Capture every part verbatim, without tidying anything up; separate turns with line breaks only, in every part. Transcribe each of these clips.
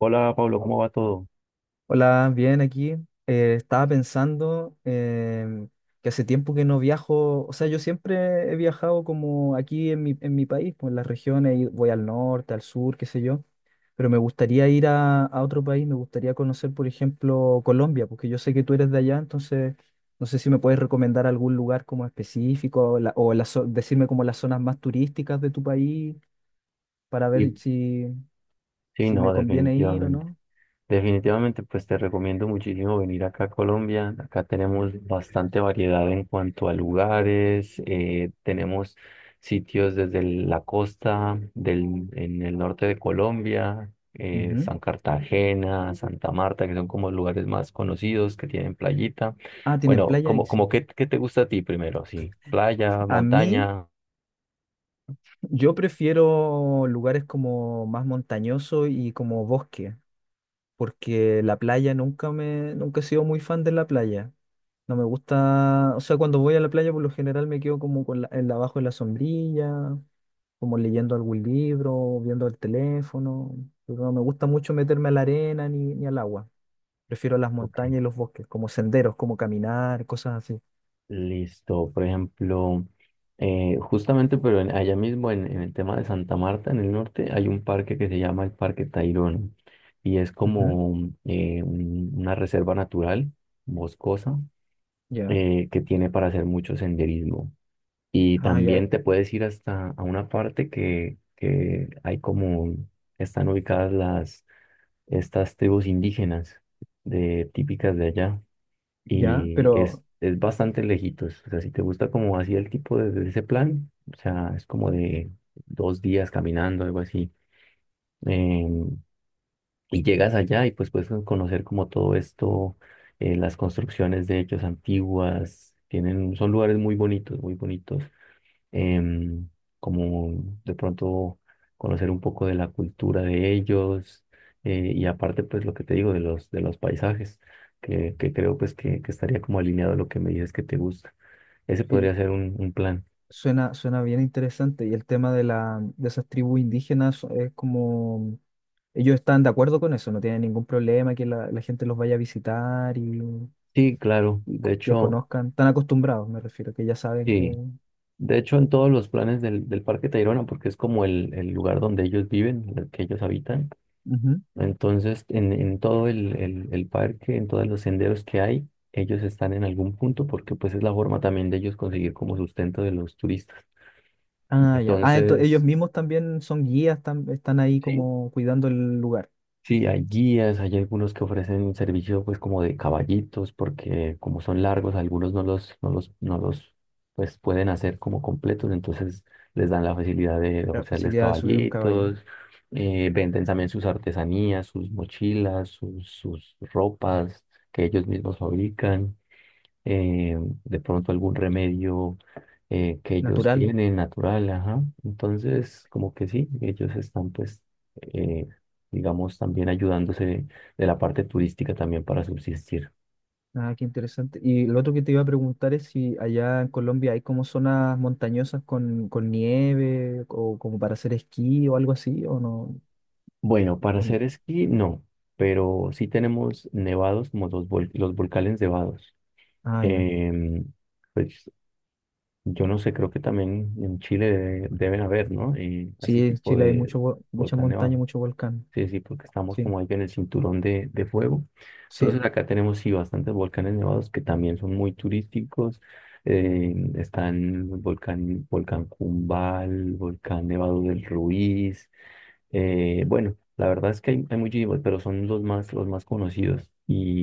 Hola Pablo, ¿cómo va todo?
Hola, bien aquí. Eh, estaba pensando em, que hace tiempo que no viajo, o sea, yo siempre he viajado como aquí en mi, en mi país, pues en las regiones, y voy al norte, al sur, qué sé yo, pero me gustaría ir a, a otro país, me gustaría conocer, por ejemplo, Colombia, porque yo sé que tú eres de allá, entonces no sé si me puedes recomendar algún lugar como específico o, la- o la zo- decirme como las zonas más turísticas de tu país para ver
Y
si,
sí,
si
no,
me conviene ir o
definitivamente.
no.
Definitivamente, pues te recomiendo muchísimo venir acá a Colombia. Acá tenemos bastante variedad en cuanto a lugares. eh, tenemos sitios desde el- la costa del, en el norte de Colombia, eh,
Ujú.
San Cartagena, Santa Marta, que son como lugares más conocidos que tienen playita.
Ah, tienen
Bueno,
playa ahí,
como,
sí.
como qué, qué te gusta a ti primero? Sí, playa,
A mí...
montaña.
Yo prefiero lugares como más montañosos y como bosque, porque la playa nunca me, nunca he sido muy fan de la playa. No me gusta, o sea, cuando voy a la playa por lo general me quedo como con la, en la- abajo de la sombrilla, como leyendo algún libro, viendo el teléfono, pero no me gusta mucho meterme a la arena ni, ni al agua. Prefiero las
Ok.
montañas y los bosques, como senderos, como caminar, cosas así.
Listo, por ejemplo, eh, justamente, pero en- allá mismo en, en el tema de Santa Marta, en el norte, hay un parque que se llama el Parque Tayrona y es
Ujú.
como eh, un- una reserva natural, boscosa,
Ya.
eh, que tiene para hacer mucho senderismo. Y
Ah, ya,
también
eh,
te puedes ir hasta a una parte que, que hay como, están ubicadas las, estas tribus indígenas de, típicas de allá
ya,
y es,
pero
es bastante lejitos. O sea, si te gusta como así el tipo de, de ese plan, o sea, es como de dos días caminando, algo así. em, y llegas allá y pues puedes conocer como todo esto, eh, las construcciones de hechos antiguas, tienen, son lugares muy bonitos, muy bonitos, em, como de pronto conocer un poco de la cultura de ellos, eh, y aparte pues lo que te digo de los, de los paisajes, que, que creo pues que, que estaría como alineado a lo que me dices que te gusta. Ese
sí.
podría ser un, un plan.
Suena, suena bien interesante. Y el tema de la, de esas tribus indígenas es como ellos están de acuerdo con eso, no tienen ningún problema que la, la gente los vaya a visitar y,
Sí, claro.
y,
De
co- y
hecho,
conozcan, están acostumbrados, me refiero, que ya saben que.
sí. De hecho, en todos los planes del, del Parque Tayrona, porque es como el, el lugar donde ellos viven, el que ellos habitan.
Ujú.
Entonces, en, en todo el, el- el parque, en todos los senderos que hay, ellos están en algún punto porque pues es la forma también de ellos conseguir como sustento de los turistas.
Ah, ya. Ah, entonces ellos
Entonces,
mismos también son guías, están, están ahí
¿sí?
como cuidando el lugar,
Sí, hay guías, hay algunos que ofrecen servicio pues como de caballitos, porque como son largos, algunos no los, no los, no los pues pueden hacer como completos, entonces les dan la facilidad de
la
ofrecerles
facilidad de subir un caballo.
caballitos, eh, venden también sus artesanías, sus mochilas, sus, sus ropas que ellos mismos fabrican, eh, de pronto algún remedio eh, que ellos
Natural.
tienen natural, ajá. Entonces, como que sí, ellos están pues, eh, digamos, también ayudándose de la parte turística también para subsistir.
Ah, qué interesante. Y lo otro que te iba a preguntar es si allá en Colombia hay como zonas montañosas con, con nieve o como para hacer esquí o algo así, o no.
Bueno, para
O no.
hacer esquí no, pero sí tenemos nevados como los, vol- los volcanes nevados.
Ah, ya.
Em, pues yo no sé, creo que también en Chile de- deben haber, ¿no? Eh,
Sí,
así
en
tipo
Chile hay
de
mucho, vo- muchas
volcán
montañas,
nevado.
mucho volcán.
Sí, sí, porque estamos
Sí,
como ahí en el cinturón de, de fuego.
sí.
Entonces acá tenemos sí bastantes volcanes nevados que también son muy turísticos. Eh, están el volcán, volcán Cumbal, volcán Nevado del Ruiz. Eh, bueno, la verdad es que hay, hay muchísimos, pero son los más, los más conocidos.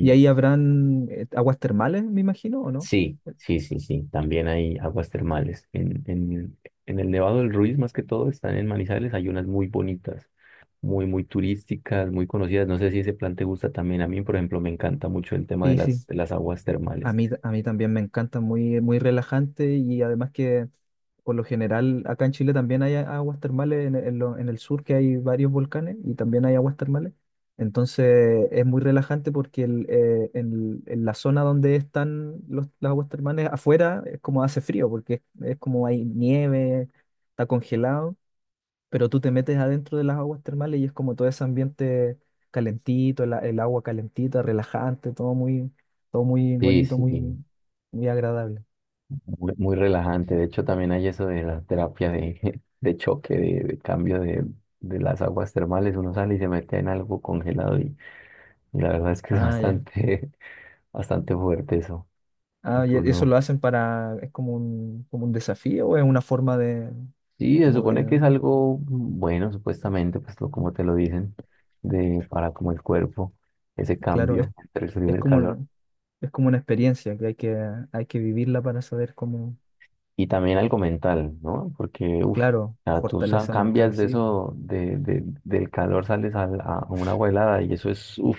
Y ahí habrán eh, aguas termales, me imagino, ¿o no?
sí, sí, sí, sí. También hay aguas termales. En, en, en el Nevado del Ruiz, más que todo, están en Manizales. Hay unas muy bonitas, muy, muy turísticas, muy conocidas. No sé si ese plan te gusta también. A mí, por ejemplo, me encanta mucho el tema de
Sí, sí.
las, de las aguas
A
termales.
mí, a mí también me encanta, muy, muy relajante y además que por lo general acá en Chile también hay a- aguas termales en, en lo- en el sur que hay varios volcanes y también hay aguas termales. Entonces es muy relajante porque el, eh, en, en la zona donde están los- las aguas termales afuera es como hace frío porque es, es como hay nieve, está congelado pero tú te metes adentro de las aguas termales y es como todo ese ambiente calentito, el, a- el agua calentita, relajante, todo muy, todo muy
Sí,
bonito,
sí,
muy, muy agradable.
muy, muy relajante. De hecho, también hay eso de la terapia de, de choque, de, de cambio de, de las aguas termales. Uno sale y se mete en algo congelado y, y la verdad es que es
Ah, ya.
bastante, bastante fuerte eso.
Ah,
Porque
y eso
uno.
lo hacen para, es como un, como un desafío o es una forma de,
Sí, se
como
supone
de,
que es algo bueno, supuestamente, pues lo- como te lo dicen, de para como el cuerpo, ese
claro, es,
cambio entre el frío y
es
el
como,
calor.
un- es como una experiencia que hay que, hay que vivirla para saber cómo,
Y también algo mental, ¿no? Porque, uff,
claro,
tú sa-
fortaleza mental,
cambias de
sí, pues.
eso, de, de- del calor, sales al- a, a una agua helada y eso es, uff,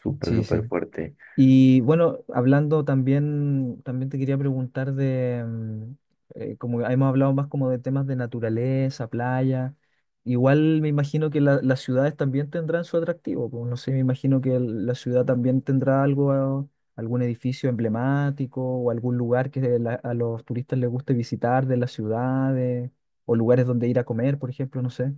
súper,
Sí,
súper
sí.
fuerte.
Y bueno, hablando también, también te quería preguntar de, mm, eh, como hemos hablado más como de temas de naturaleza, playa, igual me imagino que la- las ciudades también tendrán su atractivo, pues no sé, me imagino que el- la ciudad también tendrá algo, ah, algún edificio emblemático o algún lugar que de la- a los turistas les guste visitar de las ciudades o lugares donde ir a comer, por ejemplo, no sé.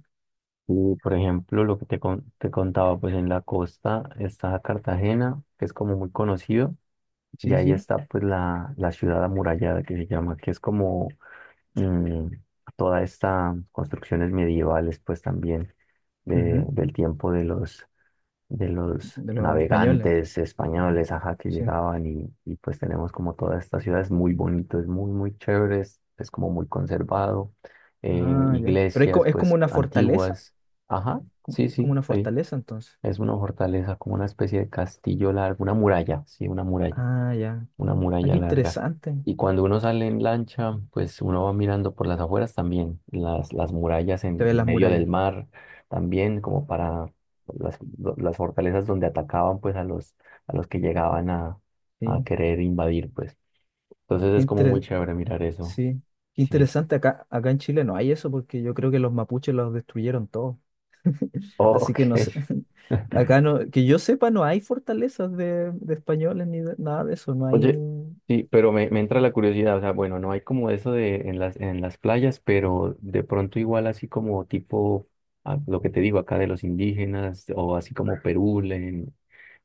Y, por ejemplo, lo que te, con- te contaba, pues en la costa está Cartagena, que es como muy conocido, y
Sí,
ahí
sí.
está pues la, la ciudad amurallada que se llama, que es como mm, toda esta construcciones medievales, pues también de-
Ujú.
del tiempo de los, de los,
De los españoles,
navegantes españoles, ajá, que
sí.
llegaban y, y pues tenemos como toda esta ciudad, es muy bonito, es muy, muy chévere, es, es como muy conservado, eh,
Ah, ya. Pero es, co-
iglesias
es como
pues
una fortaleza.
antiguas, ajá,
como-
sí,
Es como
sí,
una
ahí
fortaleza entonces.
es una fortaleza, como una especie de castillo largo, una muralla, sí, una muralla
Ah, ya.
una
Ah,
muralla
qué
larga.
interesante.
Y cuando uno sale en lancha, pues uno va mirando por las afueras también, las, las murallas
Se
en,
ven
en
las
medio del
murallas.
mar, también como para las, lo- las fortalezas donde atacaban pues a los, a los que llegaban a, a
Sí.
querer invadir, pues. Entonces
Qué
es como muy
intere-
chévere mirar eso.
sí. Qué
Sí. Sí.
interesante. Acá, acá en Chile no hay eso porque yo creo que los mapuches los destruyeron todos. Así
Ok.
que no sé. Acá no, que yo sepa, no hay fortalezas de, de españoles ni de- nada de eso. No hay.
Oye, sí, pero me, me entra la curiosidad, o sea, bueno, no hay como eso de en las, en las playas, pero de pronto igual así como tipo ah, lo que te digo acá de los indígenas, o así como Perú, en-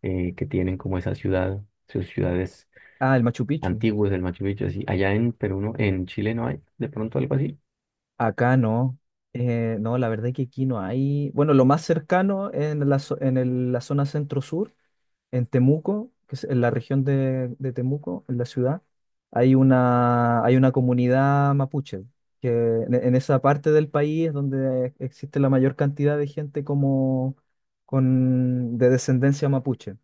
eh, que tienen como esa ciudad, sus ciudades
Ah, el Machu Picchu.
antiguas del Machu Picchu, así, allá en Perú, no, en Chile no hay de pronto algo así.
Acá no. Eh, no, la verdad es que aquí no hay. Bueno, lo más cercano en la, zo- en el- la zona centro-sur, en Temuco, que es en la región de, de Temuco, en la ciudad, hay una, hay una comunidad mapuche, que en, en esa parte del país es donde existe la mayor cantidad de gente como con, de descendencia mapuche,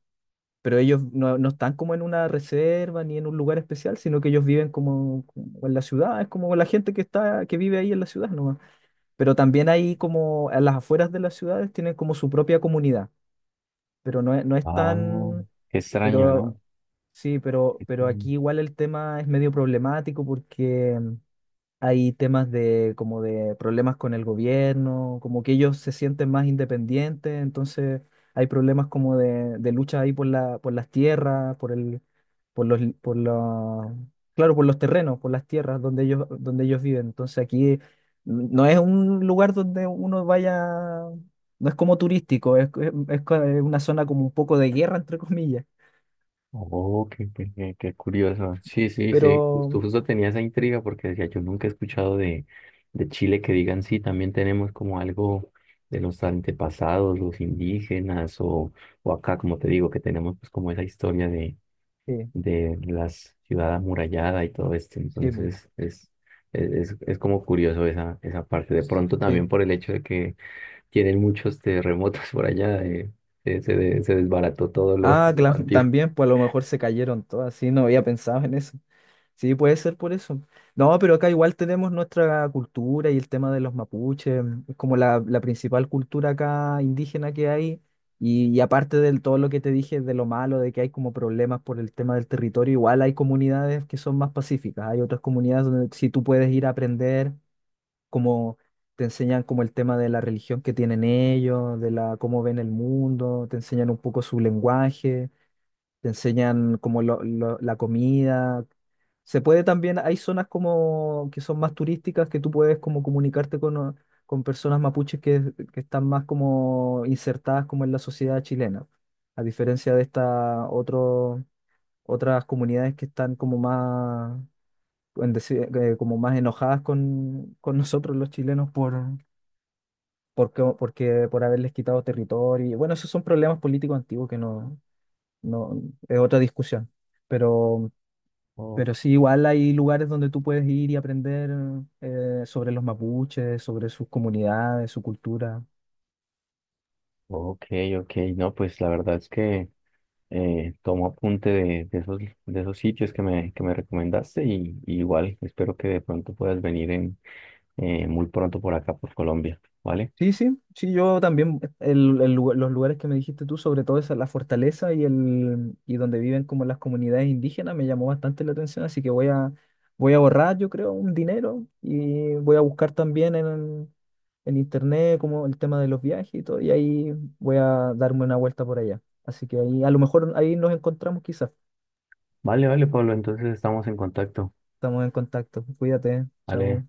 pero ellos no, no están como en una reserva ni en un lugar especial, sino que ellos viven como, como en la ciudad, es como la gente que está, que vive ahí en la ciudad nomás. Pero también ahí como a las afueras de las ciudades tienen como su propia comunidad, pero no es, no es
Ah,
tan,
qué extraño, ¿no?
pero sí, pero, pero aquí igual el tema es medio problemático porque hay temas de como de problemas con el gobierno, como que ellos se sienten más independientes, entonces hay problemas como de, de lucha ahí por la, por las tierras, por el, por los, por la, claro, por los terrenos, por las tierras donde ellos, donde ellos viven. Entonces aquí no es un lugar donde uno vaya, no es como turístico, es, es, es co- es una zona como un poco de guerra, entre comillas.
Oh, qué, qué- qué- qué curioso. Sí, sí, sí.
Pero
Justo, justo tenía esa intriga porque decía, yo nunca he escuchado de, de Chile que digan, sí, también tenemos como algo de los antepasados, los indígenas, o, o acá, como te digo, que tenemos pues como esa historia de,
sí,
de la ciudad amurallada y todo esto.
sí, pues,
Entonces, es, es, es es como curioso esa, esa parte. De pronto
sí.
también por el hecho de que tienen muchos terremotos por allá, eh, se, se, se desbarató todo lo,
Ah,
lo
cla-
antiguo.
también, pues a lo mejor se cayeron todas, sí, no había pensado en eso. Sí, puede ser por eso. No, pero acá igual tenemos nuestra cultura y el tema de los mapuches, es como la, la principal cultura acá indígena que hay. Y, y aparte de todo lo que te dije de lo malo, de que hay como problemas por el tema del territorio, igual hay comunidades que son más pacíficas. Hay otras comunidades donde sí tú puedes ir a aprender, como te enseñan como el tema de la religión que tienen ellos, de la cómo ven el mundo, te enseñan un poco su lenguaje. Te enseñan como lo- lo- la comida. Se puede también, hay zonas como que son más turísticas que tú puedes como comunicarte con, o- con personas mapuches que, que están más como insertadas como en la sociedad chilena, a diferencia de estas otro- otras comunidades que están como más, en deci- eh, como más enojadas con, con nosotros los chilenos por, porque, porque por haberles quitado territorio. Y bueno, esos son problemas políticos antiguos que no, no, es otra discusión. Pero, pero sí, igual hay lugares donde tú puedes ir y aprender eh, sobre los mapuches, sobre sus comunidades, su cultura.
Ok, ok, no, pues la verdad es que eh, tomo apunte de, de esos, de esos sitios que me, que me recomendaste y, y igual espero que de pronto puedas venir en, eh, muy pronto por acá, por Colombia, ¿vale?
Sí, sí, sí, yo también, el- el lugar- los lugares que me dijiste tú, sobre todo esa, la fortaleza y, el, y donde viven como las comunidades indígenas, me llamó bastante la atención, así que voy a, voy a ahorrar, yo creo, un dinero y voy a buscar también en, en internet, como el tema de los viajes y todo, y ahí voy a darme una vuelta por allá. Así que ahí, a lo mejor ahí nos encontramos quizás.
Vale, vale, Pablo, entonces estamos en contacto,
Estamos en contacto. Cuídate, chao.
¿vale?